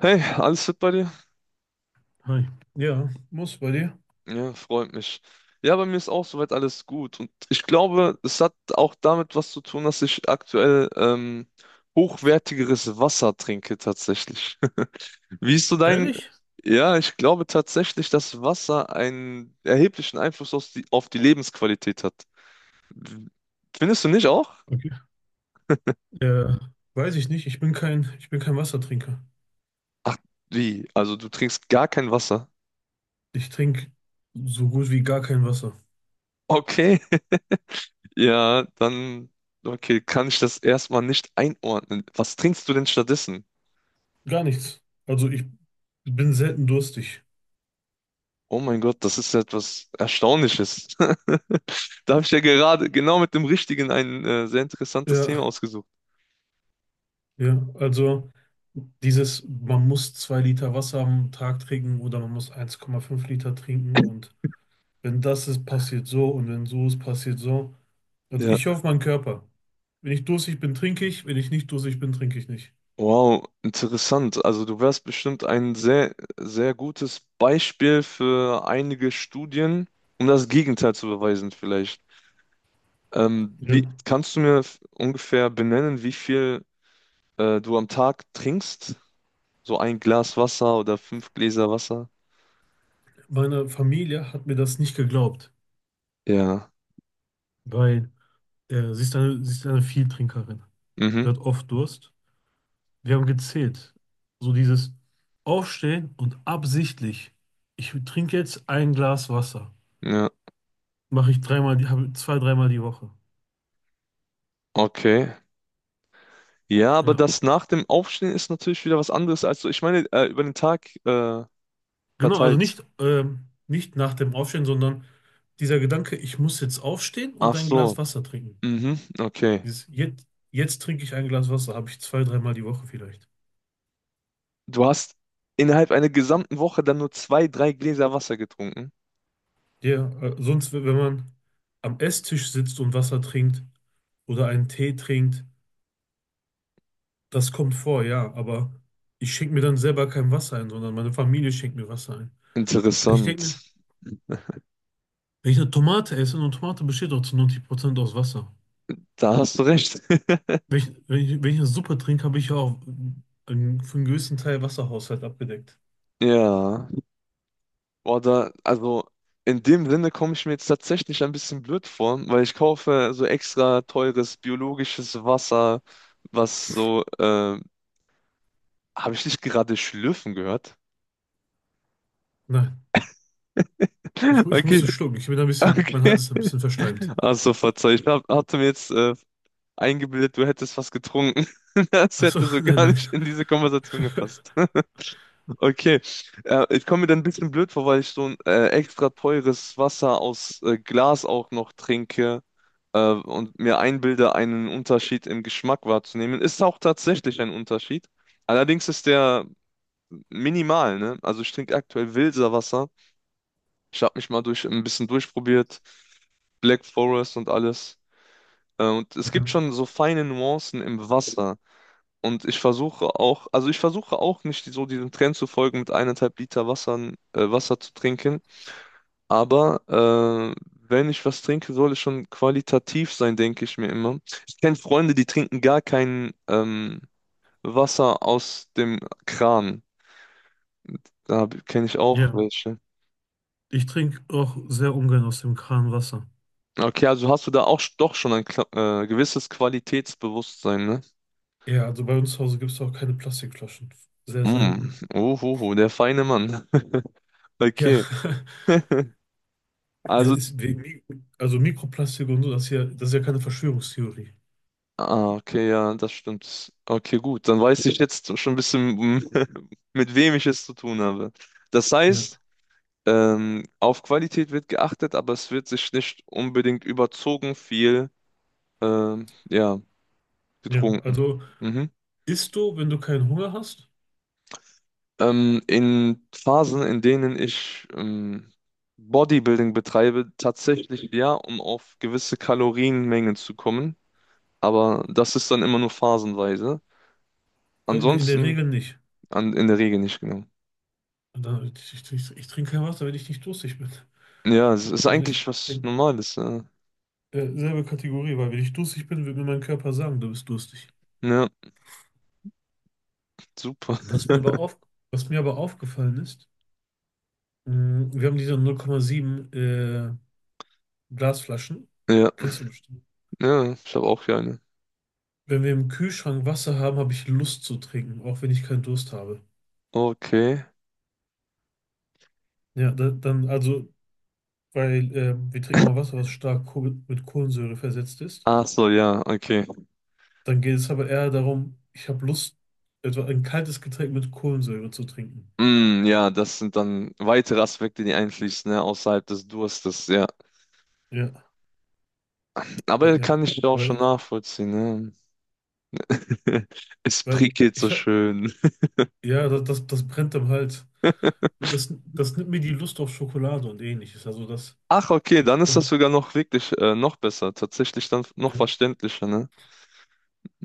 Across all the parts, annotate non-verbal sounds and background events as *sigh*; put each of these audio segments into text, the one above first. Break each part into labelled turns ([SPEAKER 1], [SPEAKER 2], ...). [SPEAKER 1] Hey, alles fit bei dir?
[SPEAKER 2] Hi. Ja, muss bei dir.
[SPEAKER 1] Ja, freut mich. Ja, bei mir ist auch soweit alles gut. Und ich glaube, es hat auch damit was zu tun, dass ich aktuell hochwertigeres Wasser trinke tatsächlich. *laughs* Wie ist so dein...
[SPEAKER 2] Ehrlich?
[SPEAKER 1] Ja, ich glaube tatsächlich, dass Wasser einen erheblichen Einfluss auf die Lebensqualität hat. W- Findest du nicht auch?
[SPEAKER 2] Okay. Ja, weiß ich nicht. Ich bin kein Wassertrinker.
[SPEAKER 1] Ach, wie? Also du trinkst gar kein Wasser?
[SPEAKER 2] Ich trinke so gut wie gar kein Wasser.
[SPEAKER 1] Okay. *laughs* Ja, dann... Okay, kann ich das erstmal nicht einordnen. Was trinkst du denn stattdessen?
[SPEAKER 2] Gar nichts. Also ich bin selten durstig.
[SPEAKER 1] Oh mein Gott, das ist etwas Erstaunliches. *laughs* Da habe ich ja gerade genau mit dem Richtigen ein sehr interessantes
[SPEAKER 2] Ja,
[SPEAKER 1] Thema ausgesucht.
[SPEAKER 2] ja. Also dieses, man muss 2 Liter Wasser am Tag trinken oder man muss 1,5 Liter trinken und wenn das ist, passiert so und wenn so ist, passiert so. Also
[SPEAKER 1] Ja,
[SPEAKER 2] ich höre auf meinen Körper. Wenn ich durstig bin, trinke ich. Wenn ich nicht durstig bin, trinke ich nicht.
[SPEAKER 1] wow, interessant. Also du wärst bestimmt ein sehr, sehr gutes Beispiel für einige Studien, um das Gegenteil zu beweisen vielleicht.
[SPEAKER 2] Ja.
[SPEAKER 1] Kannst du mir ungefähr benennen, wie viel du am Tag trinkst? So ein Glas Wasser oder fünf Gläser Wasser?
[SPEAKER 2] Meine Familie hat mir das nicht geglaubt,
[SPEAKER 1] Ja.
[SPEAKER 2] weil sie ist eine Vieltrinkerin. Sie
[SPEAKER 1] Mhm.
[SPEAKER 2] hat oft Durst. Wir haben gezählt. So dieses Aufstehen und absichtlich. Ich trinke jetzt ein Glas Wasser.
[SPEAKER 1] Ja.
[SPEAKER 2] Mache ich dreimal, habe zwei, dreimal die Woche.
[SPEAKER 1] Okay. Ja, aber
[SPEAKER 2] Ja,
[SPEAKER 1] das nach dem Aufstehen ist natürlich wieder was anderes als so. Ich meine, über den Tag
[SPEAKER 2] genau. Also
[SPEAKER 1] verteilt.
[SPEAKER 2] nicht nach dem Aufstehen, sondern dieser Gedanke, ich muss jetzt aufstehen und
[SPEAKER 1] Ach
[SPEAKER 2] ein Glas
[SPEAKER 1] so.
[SPEAKER 2] Wasser trinken.
[SPEAKER 1] Mhm, okay.
[SPEAKER 2] Dieses, jetzt trinke ich ein Glas Wasser, habe ich zwei, dreimal die Woche vielleicht.
[SPEAKER 1] Du hast innerhalb einer gesamten Woche dann nur zwei, drei Gläser Wasser getrunken.
[SPEAKER 2] Ja, sonst, wenn man am Esstisch sitzt und Wasser trinkt oder einen Tee trinkt, das kommt vor, ja, aber ich schenke mir dann selber kein Wasser ein, sondern meine Familie schenkt mir Wasser ein. Ich denke
[SPEAKER 1] Interessant.
[SPEAKER 2] mir, wenn ich eine Tomate esse, eine Tomate besteht auch zu 90% aus Wasser.
[SPEAKER 1] Da hast du recht. *laughs*
[SPEAKER 2] Wenn ich eine Suppe trinke, habe ich ja auch einen, für einen größten Teil Wasserhaushalt abgedeckt.
[SPEAKER 1] Ja. Oder, also in dem Sinne komme ich mir jetzt tatsächlich ein bisschen blöd vor, weil ich kaufe so extra teures biologisches Wasser, was so, habe ich nicht gerade schlürfen gehört?
[SPEAKER 2] Nein,
[SPEAKER 1] *laughs*
[SPEAKER 2] ich
[SPEAKER 1] Okay,
[SPEAKER 2] musste schlucken. Ich bin ein bisschen, mein
[SPEAKER 1] okay.
[SPEAKER 2] Hals ist ein bisschen verschleimt.
[SPEAKER 1] Also verzeih, hatte mir jetzt eingebildet, du hättest was getrunken. *laughs* Das
[SPEAKER 2] Achso,
[SPEAKER 1] hätte so
[SPEAKER 2] *laughs* nein,
[SPEAKER 1] gar
[SPEAKER 2] nein.
[SPEAKER 1] nicht in diese Konversation gepasst. *laughs* Okay, ich komme mir dann ein bisschen blöd vor, weil ich so ein extra teures Wasser aus Glas auch noch trinke und mir einbilde, einen Unterschied im Geschmack wahrzunehmen. Ist auch tatsächlich ein Unterschied. Allerdings ist der minimal, ne? Also ich trinke aktuell Wilsa Wasser. Ich habe mich mal durch ein bisschen durchprobiert, Black Forest und alles. Und es gibt
[SPEAKER 2] Ja,
[SPEAKER 1] schon so feine Nuancen im Wasser. Und ich versuche auch nicht so diesem Trend zu folgen, mit eineinhalb Liter Wassern, Wasser zu trinken. Aber wenn ich was trinke, soll es schon qualitativ sein, denke ich mir immer. Ich kenne Freunde, die trinken gar kein Wasser aus dem Kran. Da kenne ich auch
[SPEAKER 2] ja.
[SPEAKER 1] welche.
[SPEAKER 2] Ich trinke auch sehr ungern aus dem Kran Wasser.
[SPEAKER 1] Okay, also hast du da auch doch schon ein gewisses Qualitätsbewusstsein, ne?
[SPEAKER 2] Ja, also bei uns zu Hause gibt es auch keine Plastikflaschen. Sehr
[SPEAKER 1] Mm.
[SPEAKER 2] selten.
[SPEAKER 1] Uhuhu, der feine Mann. *laughs*
[SPEAKER 2] Ja,
[SPEAKER 1] Okay.
[SPEAKER 2] *laughs* ja,
[SPEAKER 1] Also,
[SPEAKER 2] ist wegen, also Mikroplastik und so, das ist ja keine Verschwörungstheorie.
[SPEAKER 1] ah, okay, ja, das stimmt. Okay, gut, dann weiß ich jetzt schon ein bisschen, *laughs* mit wem ich es zu tun habe. Das
[SPEAKER 2] Ja,
[SPEAKER 1] heißt, auf Qualität wird geachtet, aber es wird sich nicht unbedingt überzogen viel, ja,
[SPEAKER 2] ja.
[SPEAKER 1] getrunken.
[SPEAKER 2] Also
[SPEAKER 1] Mhm.
[SPEAKER 2] isst du, wenn du keinen Hunger hast?
[SPEAKER 1] In Phasen, in denen ich Bodybuilding betreibe, tatsächlich ja, um auf gewisse Kalorienmengen zu kommen. Aber das ist dann immer nur phasenweise.
[SPEAKER 2] In der
[SPEAKER 1] Ansonsten
[SPEAKER 2] Regel nicht.
[SPEAKER 1] In der Regel nicht, genau.
[SPEAKER 2] Und dann, ich trinke kein Wasser, wenn ich nicht durstig bin.
[SPEAKER 1] Ja, es ist
[SPEAKER 2] Also ich
[SPEAKER 1] eigentlich was
[SPEAKER 2] bin
[SPEAKER 1] Normales. Ja,
[SPEAKER 2] selbe Kategorie, weil wenn ich durstig bin, wird mir mein Körper sagen, du bist durstig.
[SPEAKER 1] ja super. *laughs*
[SPEAKER 2] Was mir aber auf, was mir aber aufgefallen ist, wir haben diese 0,7 Glasflaschen.
[SPEAKER 1] Ja,
[SPEAKER 2] Kennst du bestimmt.
[SPEAKER 1] ja, ich habe auch hier eine.
[SPEAKER 2] Wenn wir im Kühlschrank Wasser haben, habe ich Lust zu trinken, auch wenn ich keinen Durst habe.
[SPEAKER 1] Okay.
[SPEAKER 2] Ja, da, dann, also, weil wir trinken mal Wasser, was stark mit Kohlensäure versetzt ist.
[SPEAKER 1] Ach so, ja, okay.
[SPEAKER 2] Dann geht es aber eher darum, ich habe Lust, etwa ein kaltes Getränk mit Kohlensäure zu trinken.
[SPEAKER 1] Mm, ja, das sind dann weitere Aspekte, die einfließen, ne, außerhalb des Durstes, ja.
[SPEAKER 2] Ja, ja,
[SPEAKER 1] Aber
[SPEAKER 2] ja.
[SPEAKER 1] kann ich auch schon
[SPEAKER 2] Weil,
[SPEAKER 1] nachvollziehen, ne? *laughs* Es
[SPEAKER 2] weil
[SPEAKER 1] prickelt so
[SPEAKER 2] ich habe,
[SPEAKER 1] schön.
[SPEAKER 2] ja, das brennt am Hals. Und das, das nimmt mir die Lust auf Schokolade und ähnliches. Also, das,
[SPEAKER 1] Ach, okay, dann ist das
[SPEAKER 2] ja.
[SPEAKER 1] sogar noch wirklich noch besser. Tatsächlich dann noch verständlicher, ne?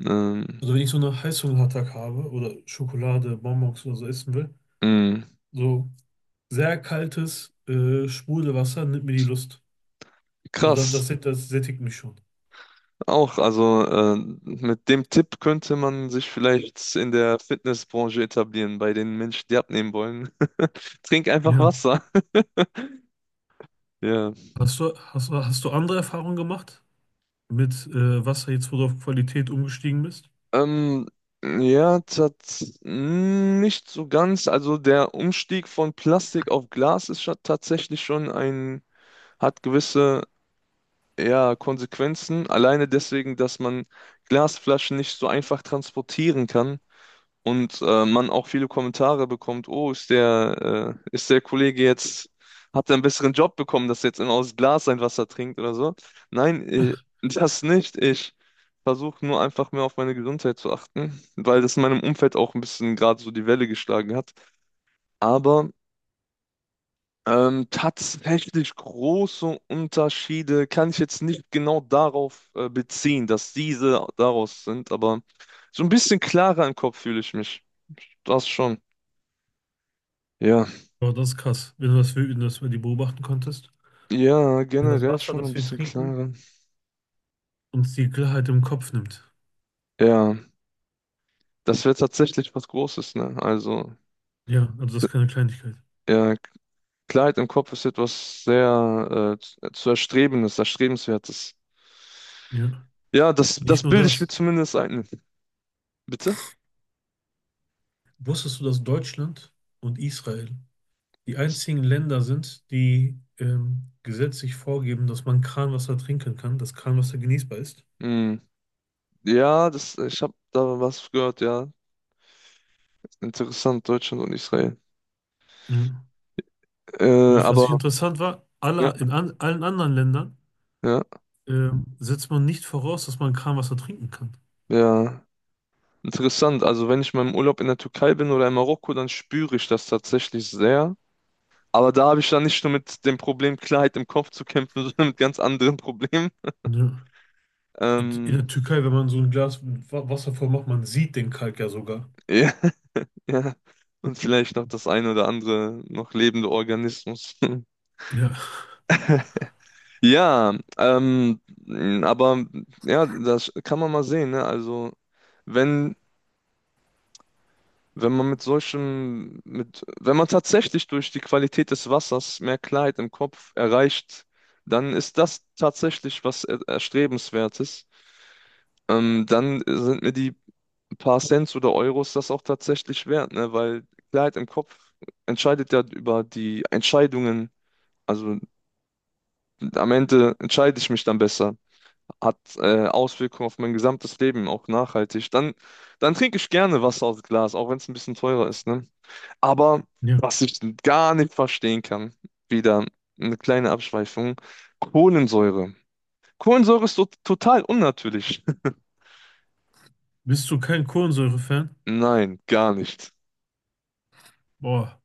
[SPEAKER 1] Ähm,
[SPEAKER 2] Also, wenn ich so einen Heißhungerattack habe oder Schokolade, Bonbons oder so essen will,
[SPEAKER 1] mm,
[SPEAKER 2] so. Sehr kaltes Sprudelwasser nimmt mir die Lust. Also
[SPEAKER 1] krass.
[SPEAKER 2] das sättigt mich schon.
[SPEAKER 1] Auch, also mit dem Tipp könnte man sich vielleicht in der Fitnessbranche etablieren, bei den Menschen, die abnehmen wollen. *laughs* Trink einfach
[SPEAKER 2] Ja.
[SPEAKER 1] Wasser. *laughs* Ja.
[SPEAKER 2] Hast du andere Erfahrungen gemacht mit Wasser, jetzt wo du auf Qualität umgestiegen bist?
[SPEAKER 1] Ähm, ja, nicht so ganz. Also der Umstieg von Plastik auf Glas ist tatsächlich schon ein, hat gewisse, ja, Konsequenzen. Alleine deswegen, dass man Glasflaschen nicht so einfach transportieren kann. Und man auch viele Kommentare bekommt, oh, ist der Kollege jetzt, hat er einen besseren Job bekommen, dass er jetzt immer aus Glas sein Wasser trinkt oder so. Nein, das nicht. Ich versuche nur einfach mehr auf meine Gesundheit zu achten, weil das in meinem Umfeld auch ein bisschen gerade so die Welle geschlagen hat. Aber tatsächlich große Unterschiede kann ich jetzt nicht genau darauf beziehen, dass diese daraus sind, aber so ein bisschen klarer im Kopf fühle ich mich. Das schon. Ja,
[SPEAKER 2] Oh, das ist krass, wenn du das, wenn du das mal die beobachten konntest.
[SPEAKER 1] ja,
[SPEAKER 2] Wenn das
[SPEAKER 1] generell
[SPEAKER 2] Wasser,
[SPEAKER 1] schon ein
[SPEAKER 2] das wir
[SPEAKER 1] bisschen
[SPEAKER 2] trinken,
[SPEAKER 1] klarer.
[SPEAKER 2] uns die Klarheit im Kopf nimmt.
[SPEAKER 1] Ja, das wäre tatsächlich was Großes, ne? Also,
[SPEAKER 2] Ja, also das ist keine Kleinigkeit.
[SPEAKER 1] ja, Klarheit im Kopf ist etwas sehr zu erstrebendes, erstrebenswertes.
[SPEAKER 2] Ja.
[SPEAKER 1] Ja, das,
[SPEAKER 2] Nicht
[SPEAKER 1] das
[SPEAKER 2] nur
[SPEAKER 1] bilde ich mir
[SPEAKER 2] das.
[SPEAKER 1] zumindest ein. Bitte?
[SPEAKER 2] Wusstest du, dass Deutschland und Israel die
[SPEAKER 1] Das-
[SPEAKER 2] einzigen Länder sind, die gesetzlich vorgeben, dass man Kranwasser trinken kann, dass Kranwasser genießbar ist.
[SPEAKER 1] Hm. Ja, das, ich habe da was gehört, ja. Interessant, Deutschland und Israel.
[SPEAKER 2] Mhm.
[SPEAKER 1] Äh,
[SPEAKER 2] Was
[SPEAKER 1] aber
[SPEAKER 2] ich interessant war,
[SPEAKER 1] ja,
[SPEAKER 2] allen anderen Ländern
[SPEAKER 1] ja,
[SPEAKER 2] setzt man nicht voraus, dass man Kranwasser trinken kann.
[SPEAKER 1] ja. Interessant. Also wenn ich mal im Urlaub in der Türkei bin oder in Marokko, dann spüre ich das tatsächlich sehr. Aber da habe ich dann nicht nur mit dem Problem Klarheit im Kopf zu kämpfen, *laughs* sondern mit ganz anderen Problemen.
[SPEAKER 2] Ne? In der
[SPEAKER 1] Ähm,
[SPEAKER 2] Türkei, wenn man so ein Glas Wasser voll macht, man sieht den Kalk ja sogar.
[SPEAKER 1] ja, *laughs* ja. Und vielleicht noch das ein oder andere noch lebende Organismus.
[SPEAKER 2] Ja,
[SPEAKER 1] *laughs* Ja, aber ja, das kann man mal sehen, ne? Also wenn, wenn man mit solchen, mit, wenn man tatsächlich durch die Qualität des Wassers mehr Klarheit im Kopf erreicht, dann ist das tatsächlich was Erstrebenswertes. Dann sind mir die paar Cents oder Euros das auch tatsächlich wert, ne? Weil Klarheit im Kopf entscheidet ja über die Entscheidungen. Also am Ende entscheide ich mich dann besser. Hat Auswirkungen auf mein gesamtes Leben, auch nachhaltig. Dann trinke ich gerne Wasser aus Glas, auch wenn es ein bisschen teurer ist, ne? Aber
[SPEAKER 2] ja.
[SPEAKER 1] was ich gar nicht verstehen kann, wieder eine kleine Abschweifung, Kohlensäure. Kohlensäure ist to total unnatürlich. *laughs*
[SPEAKER 2] Bist du kein Kohlensäure-Fan?
[SPEAKER 1] Nein, gar nicht.
[SPEAKER 2] Boah,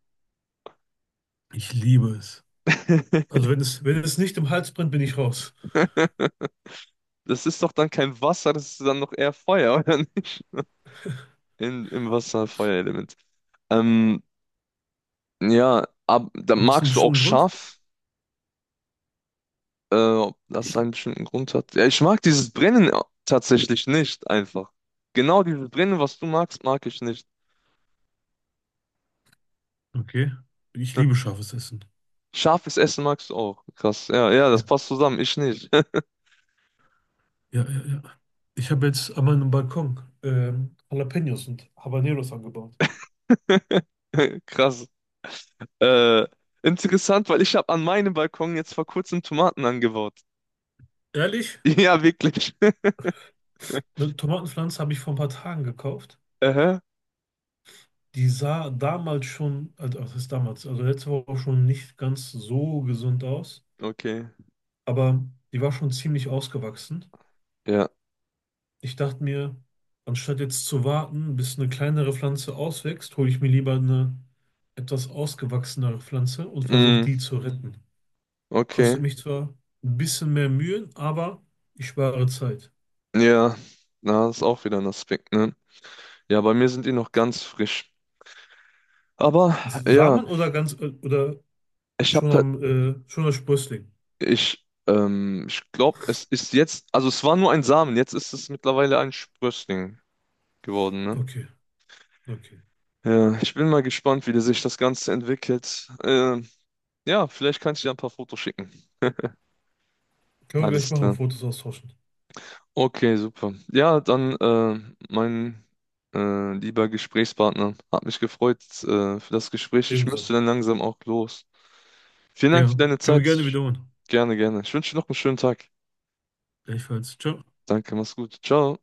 [SPEAKER 2] ich liebe es. Also
[SPEAKER 1] *laughs*
[SPEAKER 2] wenn es, wenn es nicht im Hals brennt, bin ich raus.
[SPEAKER 1] Das ist doch dann kein Wasser, das ist dann noch eher Feuer, *laughs* oder nicht? Im Wasser Feuerelement. Ähm, da
[SPEAKER 2] Hat das einen
[SPEAKER 1] magst du auch
[SPEAKER 2] bestimmten Grund?
[SPEAKER 1] scharf, ob das
[SPEAKER 2] Ich
[SPEAKER 1] einen bestimmten Grund hat. Ja, ich mag dieses Brennen tatsächlich nicht einfach. Genau dieses Brennen, was du magst, mag ich nicht.
[SPEAKER 2] Okay. Ich liebe scharfes Essen.
[SPEAKER 1] Scharfes Essen magst du auch. Krass. Ja, ja, das
[SPEAKER 2] Ja,
[SPEAKER 1] passt zusammen. Ich nicht.
[SPEAKER 2] ja, ja, ja. Ich habe jetzt an meinem Balkon Jalapenos und Habaneros angebaut.
[SPEAKER 1] *laughs* Krass. Äh, interessant, weil ich habe an meinem Balkon jetzt vor kurzem Tomaten angebaut. *laughs*
[SPEAKER 2] Ehrlich,
[SPEAKER 1] Ja, wirklich. *laughs*
[SPEAKER 2] eine Tomatenpflanze habe ich vor ein paar Tagen gekauft.
[SPEAKER 1] Aha.
[SPEAKER 2] Die sah damals schon, also was ist damals, also letzte Woche auch schon nicht ganz so gesund aus,
[SPEAKER 1] Okay.
[SPEAKER 2] aber die war schon ziemlich ausgewachsen.
[SPEAKER 1] Ja.
[SPEAKER 2] Ich dachte mir, anstatt jetzt zu warten, bis eine kleinere Pflanze auswächst, hole ich mir lieber eine etwas ausgewachsenere Pflanze und versuche
[SPEAKER 1] Mm.
[SPEAKER 2] die zu retten.
[SPEAKER 1] Okay.
[SPEAKER 2] Kostet mich zwar ein bisschen mehr Mühen, aber ich spare Zeit.
[SPEAKER 1] Ja, na, ist auch wieder ein Aspekt, ne? Ja, bei mir sind die noch ganz frisch. Aber ja,
[SPEAKER 2] Samen oder ganz oder
[SPEAKER 1] ich habe
[SPEAKER 2] schon
[SPEAKER 1] da,
[SPEAKER 2] am schon als Sprössling?
[SPEAKER 1] ich, ich glaube, es ist jetzt, also es war nur ein Samen, jetzt ist es mittlerweile ein Sprössling geworden, ne?
[SPEAKER 2] Okay, okay.
[SPEAKER 1] Ja, ich bin mal gespannt, wie sich das Ganze entwickelt. Ja, vielleicht kannst du ja ein paar Fotos schicken.
[SPEAKER 2] Können wir gleich
[SPEAKER 1] Alles
[SPEAKER 2] machen,
[SPEAKER 1] klar.
[SPEAKER 2] Fotos austauschen.
[SPEAKER 1] Okay, super. Ja, dann, mein lieber Gesprächspartner, hat mich gefreut, für das Gespräch. Ich müsste
[SPEAKER 2] Ebenso.
[SPEAKER 1] dann langsam auch los. Vielen Dank für
[SPEAKER 2] Ja,
[SPEAKER 1] deine
[SPEAKER 2] können wir gerne
[SPEAKER 1] Zeit.
[SPEAKER 2] wiederholen.
[SPEAKER 1] Gerne, gerne. Ich wünsche dir noch einen schönen Tag.
[SPEAKER 2] Gleichfalls. Ciao.
[SPEAKER 1] Danke, mach's gut. Ciao.